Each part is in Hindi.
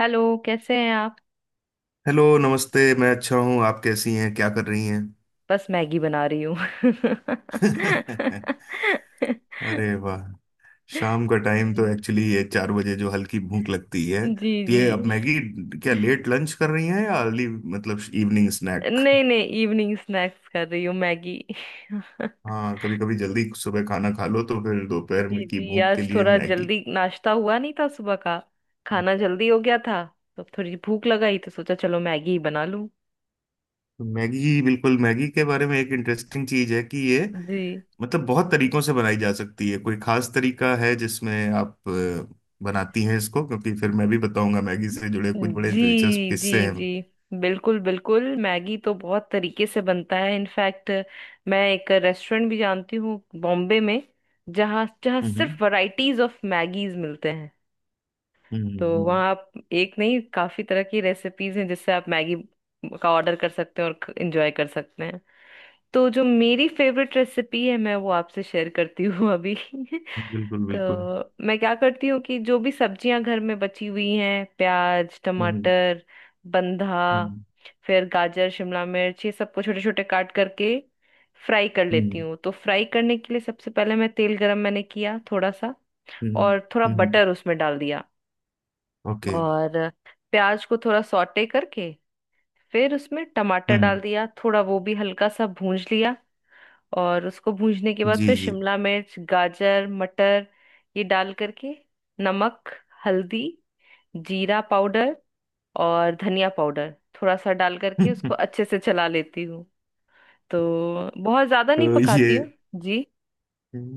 हेलो। कैसे हैं आप? हेलो, नमस्ते। मैं अच्छा हूँ। आप कैसी हैं? क्या कर रही हैं? बस मैगी बना रही हूँ। अरे वाह। शाम का टाइम तो जी। एक्चुअली ये 4 बजे जो हल्की भूख लगती है जी तो जी। ये अब मैगी। क्या लेट लंच कर रही हैं या अर्ली मतलब इवनिंग स्नैक? नहीं नहीं, इवनिंग स्नैक्स कर रही हूँ मैगी। हाँ, कभी कभी जल्दी सुबह खाना खा लो तो फिर जी दोपहर में जी की जी। भूख के आज लिए थोड़ा मैगी। जल्दी नाश्ता हुआ नहीं था, सुबह का खाना जल्दी हो गया था, तो अब थोड़ी भूख लगाई तो सोचा चलो मैगी ही बना लूँ। तो मैगी, बिल्कुल मैगी के बारे में एक इंटरेस्टिंग चीज है कि ये जी मतलब बहुत तरीकों से बनाई जा सकती है। कोई खास तरीका है जिसमें आप बनाती हैं इसको? क्योंकि फिर मैं भी बताऊंगा मैगी से जुड़े कुछ बड़े दिलचस्प जी जी किस्से हैं। जी। बिल्कुल बिल्कुल, मैगी तो बहुत तरीके से बनता है। इनफैक्ट मैं एक रेस्टोरेंट भी जानती हूँ बॉम्बे में जहाँ जहाँ हम्म। सिर्फ वैरायटीज ऑफ मैगीज मिलते हैं। हम्म। तो वहाँ आप एक नहीं काफी तरह की रेसिपीज हैं जिससे आप मैगी का ऑर्डर कर सकते हैं और एंजॉय कर सकते हैं। तो जो मेरी फेवरेट रेसिपी है मैं वो आपसे शेयर करती हूँ अभी। बिल्कुल तो बिल्कुल। मैं क्या करती हूँ कि जो भी सब्जियां घर में बची हुई हैं, प्याज, हम्म। टमाटर, बंधा, हम्म। फिर गाजर, शिमला मिर्च, ये सबको छोटे छोटे काट करके फ्राई कर लेती हम्म। हूँ। तो फ्राई करने के लिए सबसे पहले मैं तेल गरम मैंने किया थोड़ा सा, हम्म। और थोड़ा हम्म, बटर उसमें डाल दिया, ओके। और प्याज को थोड़ा सॉटे करके फिर उसमें टमाटर हम्म। डाल दिया, थोड़ा वो भी हल्का सा भूंज लिया, और उसको भूनने के बाद जी। फिर जी। शिमला मिर्च, गाजर, मटर ये डाल करके नमक, हल्दी, जीरा पाउडर और धनिया पाउडर थोड़ा सा डाल करके उसको अच्छे से चला लेती हूँ। तो बहुत ज्यादा नहीं तो ये, पकाती हूँ। जी।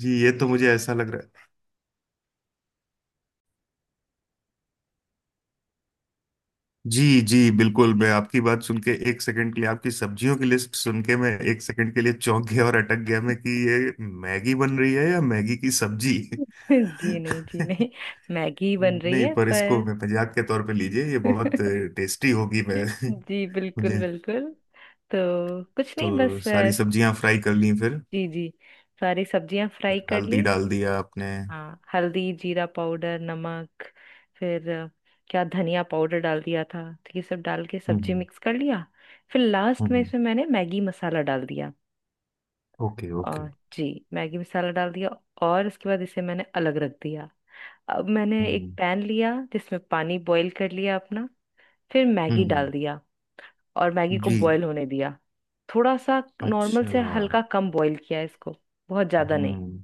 जी, ये तो मुझे ऐसा लग रहा है। जी जी बिल्कुल। मैं आपकी बात सुन के, एक सेकंड के लिए आपकी सब्जियों की लिस्ट सुन के, मैं एक सेकंड के लिए चौंक गया और अटक गया, मैं कि ये मैगी बन रही है या मैगी की सब्जी। जी नहीं, जी नहीं, मैगी ही बन रही नहीं, है, पर इसको पर मैं मजाक के तौर पे लीजिए, ये बहुत टेस्टी होगी। मैं जी बिल्कुल मुझे, बिल्कुल। तो कुछ नहीं, तो बस सारी सब्जियां फ्राई कर ली फिर? जी जी, सारी सब्जियां फ्राई फिर कर हल्दी ली। डाल दिया आपने। हम्म। हाँ, हल्दी, जीरा पाउडर, नमक, फिर क्या धनिया पाउडर डाल दिया था, तो ये सब डाल के सब्जी हम्म। मिक्स कर लिया। फिर हम्म, लास्ट में हम्म, इसमें मैंने मैगी मसाला डाल दिया, ओके ओके। और जी, मैगी मसाला डाल दिया, और इसके बाद इसे मैंने अलग रख दिया। अब मैंने एक हम्म। पैन लिया जिसमें पानी बॉईल कर लिया अपना, फिर हम्म। मैगी डाल दिया और मैगी को जी। बॉईल होने दिया। थोड़ा सा नॉर्मल अच्छा। से हल्का कम बॉईल किया इसको, बहुत ज्यादा नहीं। हम्म।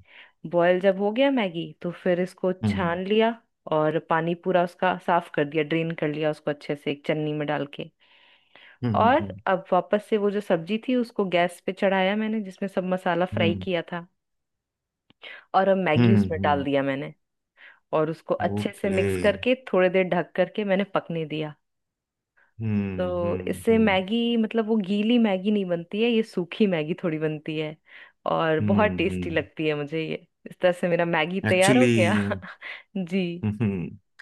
बॉयल जब हो गया मैगी तो फिर इसको हम्म। हम्म। छान लिया, और पानी पूरा उसका साफ कर दिया, ड्रेन कर लिया उसको अच्छे से एक चन्नी में डाल के। हम्म। और हम्म। अब वापस से वो जो सब्जी थी उसको गैस पे चढ़ाया मैंने जिसमें सब मसाला फ्राई हम्म। किया था, और अब मैगी हम्म, उसमें डाल हम्म, दिया मैंने, और उसको अच्छे से ओके। मिक्स करके थोड़ी देर ढक करके मैंने पकने दिया। हम्म। तो हम्म। इससे हम्म। मैगी मतलब वो गीली मैगी नहीं बनती है, ये सूखी मैगी थोड़ी बनती है, और बहुत हम्म। टेस्टी लगती है मुझे ये। इस तरह से मेरा मैगी तैयार हो एक्चुअली, गया। जी हम्म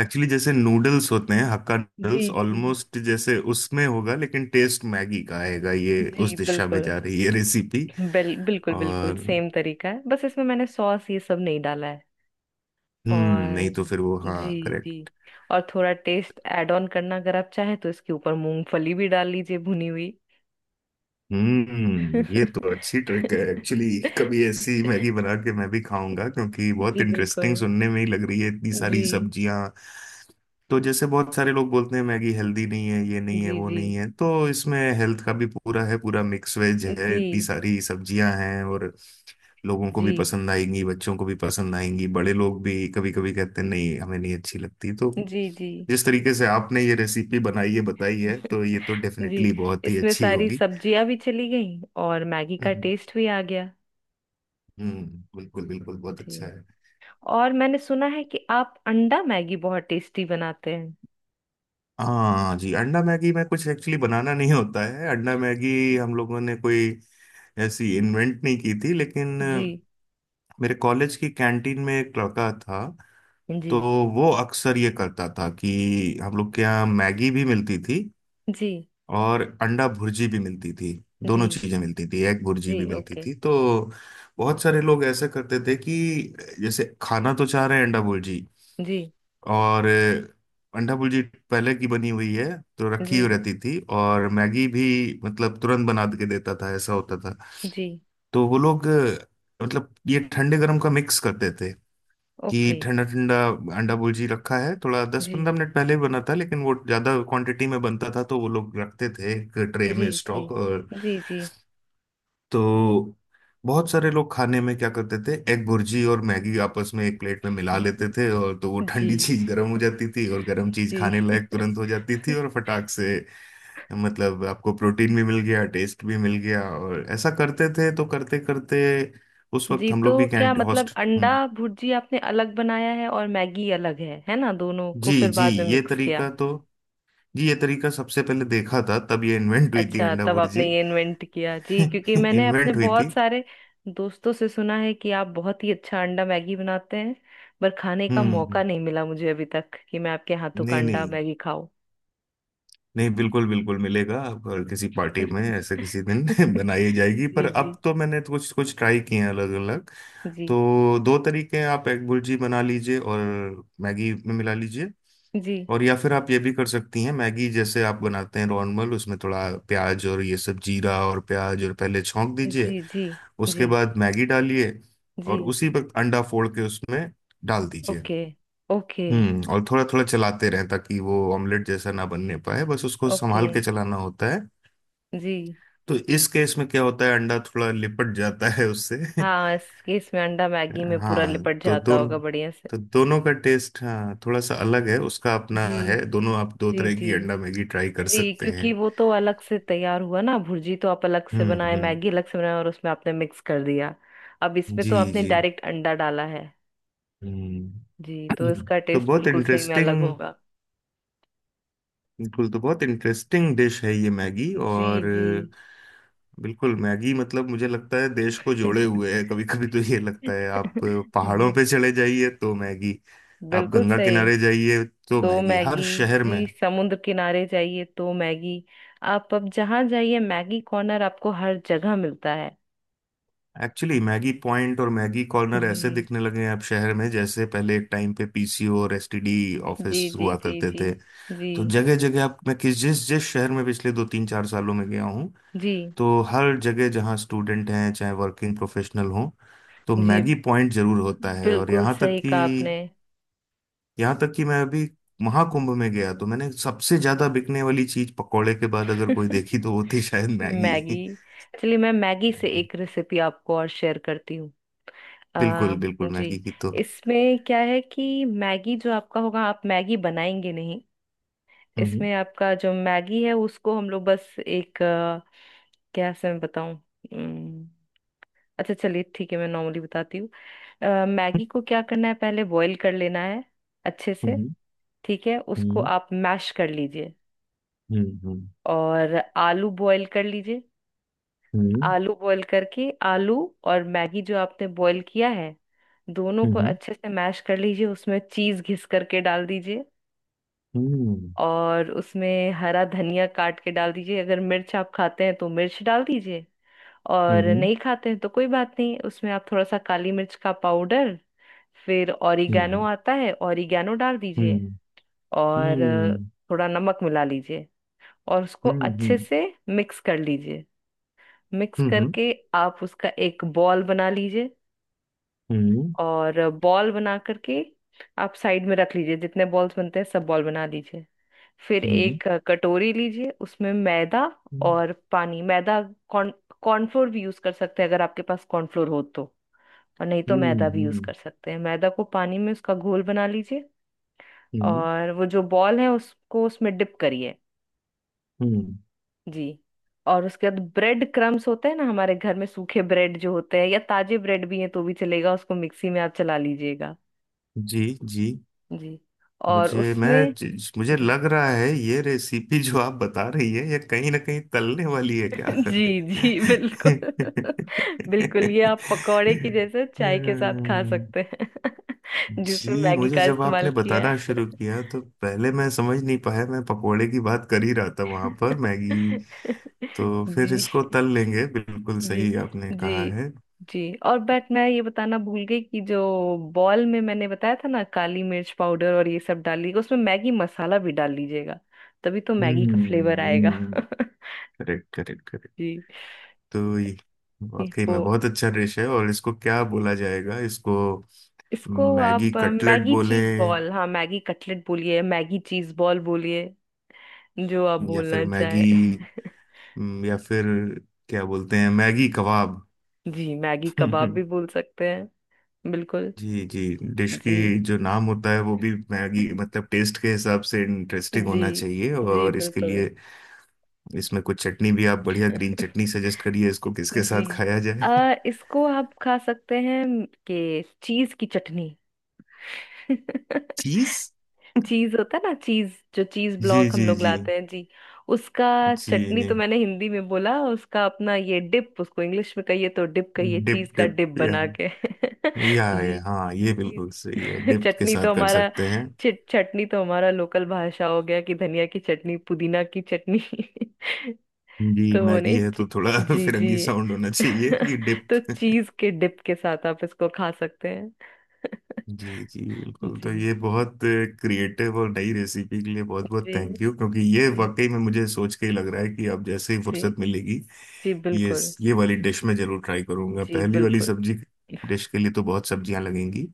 एक्चुअली जैसे नूडल्स होते हैं, हक्का जी नूडल्स जी ऑलमोस्ट जैसे उसमें होगा, लेकिन टेस्ट मैगी का आएगा, ये उस जी दिशा में बिल्कुल, जा रही है रेसिपी। बिल्कुल बिल्कुल और, सेम तरीका है, बस इसमें मैंने सॉस ये सब नहीं डाला है। हम्म, नहीं तो और फिर वो, हाँ। जी जी, और थोड़ा टेस्ट ऐड ऑन करना अगर आप चाहें तो इसके ऊपर मूंगफली भी डाल लीजिए भुनी हुई। हम्म, ये तो अच्छी ट्रिक है एक्चुअली। कभी ऐसी मैगी बना के मैं भी खाऊंगा, क्योंकि बहुत जी इंटरेस्टिंग बिल्कुल। सुनने में ही लग रही है, इतनी जी। सारी सब्जियां। तो जैसे बहुत सारे लोग बोलते हैं मैगी हेल्दी नहीं है, ये नहीं है, जी वो जी नहीं है, तो इसमें हेल्थ का भी पूरा है, पूरा मिक्स वेज है, इतनी जी सारी सब्जियां हैं। और लोगों को जी भी पसंद आएंगी, बच्चों को भी पसंद आएंगी, बड़े लोग भी कभी कभी कहते हैं नहीं हमें नहीं अच्छी लगती, तो जी जी। जिस तरीके से आपने ये रेसिपी बनाई है, बताई है, तो ये तो जी, डेफिनेटली बहुत ही इसमें अच्छी सारी होगी। सब्जियां भी चली गई और मैगी का हम्म। टेस्ट भी आ गया। हम्म। बिल्कुल बिल्कुल, बहुत अच्छा जी। है। और मैंने सुना है कि आप अंडा मैगी बहुत टेस्टी बनाते हैं। हाँ जी, अंडा मैगी में कुछ एक्चुअली बनाना नहीं होता है अंडा मैगी। हम लोगों ने कोई ऐसी इन्वेंट नहीं की थी, लेकिन जी। मेरे कॉलेज की कैंटीन में एक लड़का था। जी। तो वो अक्सर ये करता था कि हम लोग के यहाँ मैगी भी मिलती थी जी और अंडा भुर्जी भी मिलती थी। दोनों जी चीजें मिलती थी, एग भुर्जी जी भी मिलती ओके। थी, तो बहुत सारे लोग ऐसे करते थे कि जैसे खाना तो चाह रहे हैं अंडा भुर्जी, जी और अंडा भुर्जी पहले की बनी हुई है, तो रखी हुई जी रहती थी, और मैगी भी मतलब तुरंत बना के देता था, ऐसा होता था। जी तो वो लोग मतलब ये ठंडे गर्म का मिक्स करते थे, कि ओके। ठंडा ठंडा अंडा भुर्जी रखा है, थोड़ा दस पंद्रह जी मिनट पहले ही बना था, लेकिन वो ज्यादा क्वांटिटी में बनता था, तो वो लोग रखते थे एक ट्रे जी में जी स्टॉक। और जी जी। तो बहुत सारे लोग खाने में क्या करते थे, एग भुर्जी और मैगी आपस में एक प्लेट में मिला लेते थे, और तो वो ठंडी जी चीज गर्म हो जाती थी और गर्म चीज जी। खाने लायक तुरंत हो जाती थी और फटाक से, मतलब आपको प्रोटीन भी मिल गया टेस्ट भी मिल गया, और ऐसा करते थे, तो करते करते उस वक्त जी। हम तो लोग भी क्या कैंट मतलब, हॉस्ट। अंडा हम्म, भुर्जी आपने अलग बनाया है और मैगी अलग है ना, दोनों को जी फिर जी। बाद में ये मिक्स किया? तरीका तो, जी ये तरीका सबसे पहले देखा था, तब ये इन्वेंट हुई थी अच्छा, अंडा तब आपने भुर्जी। ये इन्वेंट किया जी, क्योंकि मैंने अपने इन्वेंट हुई थी। बहुत सारे दोस्तों से सुना है कि आप बहुत ही अच्छा अंडा मैगी बनाते हैं, पर खाने का हम्म मौका हम्म, नहीं मिला मुझे अभी तक कि मैं आपके हाथों का नहीं अंडा नहीं, मैगी खाऊं। नहीं बिल्कुल बिल्कुल मिलेगा, और किसी पार्टी में ऐसे किसी दिन बनाई जाएगी। पर जी जी। अब तो मैंने तो कुछ कुछ ट्राई किए हैं, अलग अलग। जी तो दो तरीके हैं, आप एग बुर्जी बना लीजिए और मैगी में मिला लीजिए। जी। और या फिर आप ये भी कर सकती हैं, मैगी जैसे आप बनाते हैं नॉर्मल, उसमें थोड़ा प्याज और ये सब जीरा और प्याज और पहले छौंक दीजिए। जी जी। उसके जी बाद मैगी डालिए जी और उसी वक्त अंडा फोड़ के उसमें डाल दीजिए। ओके। ओके हम्म, और थोड़ा थोड़ा चलाते रहें ताकि वो ऑमलेट जैसा ना बनने पाए, बस उसको ओके। संभाल के चलाना होता है। जी। तो इस केस में क्या होता है, अंडा थोड़ा लिपट जाता है उससे। हाँ, इस केस में अंडा मैगी में पूरा हाँ, लिपट तो जाता दोनों, होगा बढ़िया से। का टेस्ट, हाँ, थोड़ा सा अलग है उसका अपना जी है। दोनों, आप दो जी। तरह जी की अंडा मैगी ट्राई कर जी, सकते क्योंकि हैं। वो तो अलग से तैयार हुआ ना भुर्जी, तो आप अलग से बनाए, हम्म, मैगी अलग से बनाए, और उसमें आपने मिक्स कर दिया। अब इसमें जी तो आपने जी, डायरेक्ट अंडा डाला है। जी, हम्म। तो इसका तो टेस्ट बहुत बिल्कुल सही में इंटरेस्टिंग, अलग होगा। बिल्कुल, तो बहुत इंटरेस्टिंग डिश है ये मैगी। जी। और जी। बिल्कुल, मैगी मतलब मुझे लगता है देश को जोड़े हुए है। कभी कभी तो ये लगता है, आप पहाड़ों जी पे चले जाइए तो मैगी, आप बिल्कुल गंगा सही। किनारे जाइए तो तो मैगी, हर मैगी, शहर में। जी, समुद्र किनारे जाइए तो मैगी, आप अब जहाँ जाइए मैगी कॉर्नर आपको हर जगह मिलता है। एक्चुअली मैगी पॉइंट और मैगी कॉर्नर ऐसे जी दिखने लगे हैं अब शहर में, जैसे पहले एक टाइम पे पीसीओ और एसटीडी जी ऑफिस जी हुआ जी। करते जी। थे। जी तो जगह जगह, आप, मैं किस जिस जिस शहर में पिछले 2-3-4 सालों में गया हूँ, जी तो हर जगह, जहाँ स्टूडेंट हैं चाहे वर्किंग प्रोफेशनल हों, तो जी। मैगी पॉइंट जरूर होता है। और बिल्कुल यहाँ तक सही कहा कि आपने। यहाँ तक कि मैं अभी महाकुंभ में गया तो मैंने सबसे ज्यादा बिकने वाली चीज पकोड़े के बाद अगर कोई देखी तो वो थी शायद मैगी। मैगी। चलिए, मैं मैगी से एक रेसिपी आपको और शेयर करती हूँ। आ, बिल्कुल बिल्कुल। जी, मैगी की तो, इसमें क्या है कि मैगी जो आपका होगा, आप मैगी बनाएंगे नहीं, हम्म। इसमें आपका जो मैगी है उसको हम लोग बस एक क्या से मैं बताऊं? उम्म, अच्छा चलिए, ठीक है, मैं नॉर्मली बताती हूँ। मैगी को क्या करना है, पहले बॉईल कर लेना है अच्छे से। हम्म। ठीक है, उसको हम्म। आप मैश कर लीजिए, हम्म। और आलू बॉईल कर लीजिए। हम्म। आलू बॉईल करके आलू और मैगी जो आपने बॉईल किया है, दोनों को हम्म। अच्छे से मैश कर लीजिए, उसमें चीज घिस करके डाल दीजिए, हम्म। और उसमें हरा धनिया काट के डाल दीजिए, अगर मिर्च आप खाते हैं तो मिर्च डाल दीजिए, और हम्म। नहीं खाते हैं तो कोई बात नहीं, उसमें आप थोड़ा सा काली मिर्च का पाउडर, फिर ऑरिगेनो आता है, ऑरिगेनो डाल दीजिए, हम्म। और हम्म। थोड़ा नमक मिला लीजिए, और उसको हम्म। अच्छे हम्म। से मिक्स कर लीजिए। मिक्स हम्म। करके आप उसका एक बॉल बना लीजिए, हम्म। और बॉल बना करके आप साइड में रख लीजिए। जितने बॉल्स बनते हैं सब बॉल बना लीजिए। फिर एक कटोरी लीजिए, उसमें मैदा हम्म। और पानी, मैदा, कॉर्न, कॉर्नफ्लोर भी यूज कर सकते हैं अगर आपके पास कॉर्नफ्लोर हो तो, और नहीं तो मैदा भी यूज हम्म। कर सकते हैं। मैदा को पानी में उसका घोल बना लीजिए, हम्म। और वो जो बॉल है उसको उसमें डिप करिए। हम्म। जी, और उसके बाद ब्रेड क्रम्स होते हैं ना, हमारे घर में सूखे ब्रेड जो होते हैं या ताजे ब्रेड भी हैं तो भी चलेगा, उसको मिक्सी में आप चला लीजिएगा। जी जी, जी, और उसमें मुझे जी लग रहा है ये रेसिपी जो आप बता रही है ये कहीं ना कहीं तलने वाली है क्या? जी जी बिल्कुल। बिल्कुल, ये आप पकौड़े की जैसे चाय के साथ खा हम्म, सकते हैं, जिसमें जी, मैगी मुझे का जब इस्तेमाल आपने किया बताना है। शुरू किया तो पहले मैं समझ नहीं पाया, मैं पकोड़े की बात कर ही रहा था, वहां पर मैगी। तो फिर जी। इसको तल लेंगे, बिल्कुल जी सही आपने जी। कहा है। जी, और बट मैं ये बताना भूल गई कि जो बॉल में मैंने बताया था ना, काली मिर्च पाउडर और ये सब डाल लीजिएगा, उसमें मैगी मसाला भी डाल लीजिएगा, तभी तो मैगी का फ्लेवर आएगा। हम्म, करेक्ट करेक्ट। जी। तो ये जी, वाकई वो, में बहुत अच्छा डिश है, और इसको क्या बोला जाएगा इसको? इसको मैगी आप कटलेट मैगी बोले, चीज बॉल, हाँ, मैगी कटलेट बोलिए, मैगी चीज बॉल बोलिए, जो आप या फिर बोलना मैगी, चाहे। या फिर क्या बोलते हैं, मैगी कबाब? जी, मैगी कबाब भी बोल सकते हैं। बिल्कुल। जी जी। डिश जी की जो नाम होता है वो भी मैगी मतलब टेस्ट के हिसाब से इंटरेस्टिंग जी। होना चाहिए, जी और इसके बिल्कुल। लिए इसमें कुछ चटनी भी, आप बढ़िया ग्रीन चटनी सजेस्ट करिए इसको किसके जी। साथ खाया जाए। अ, इसको आप खा सकते हैं कि चीज की चटनी। चीज। चीज होता है ना, चीज, जो चीज जी ब्लॉक हम जी लोग जी लाते हैं जी, उसका जी चटनी, जी, तो मैंने हिंदी में बोला, उसका अपना ये डिप, उसको इंग्लिश में कहिए तो डिप कहिए, डिप चीज का डिप, डिप या बना के। या ये, जी। हाँ, ये जी। बिल्कुल सही है, डिप के चटनी साथ तो कर हमारा, सकते हैं। चिट चटनी तो हमारा लोकल भाषा हो गया कि धनिया की चटनी, पुदीना की चटनी। जी तो वो मैगी नहीं है तो थोड़ा जी फिरंगी जी। साउंड होना चाहिए, कि तो डिप। चीज के डिप के साथ आप इसको खा सकते हैं। जी जी बिल्कुल। तो जी। ये बहुत क्रिएटिव और नई रेसिपी के लिए बहुत बहुत जी थैंक यू, क्योंकि ये जी। वाकई में मुझे सोच के ही लग रहा है कि अब जैसे ही जी फुर्सत मिलेगी, जी ये बिल्कुल। ये वाली डिश में जरूर ट्राई करूंगा। जी पहली वाली बिल्कुल। सब्जी जी डिश के लिए तो बहुत सब्जियां लगेंगी,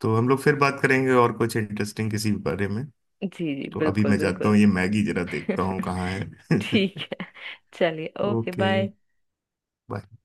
तो हम लोग फिर बात करेंगे और कुछ इंटरेस्टिंग किसी बारे में। जी जी तो अभी बिल्कुल मैं जाता बिल्कुल। हूँ, ये मैगी जरा देखता हूँ कहाँ है। ठीक है, चलिए, ओके, ओके, बाय। बाय।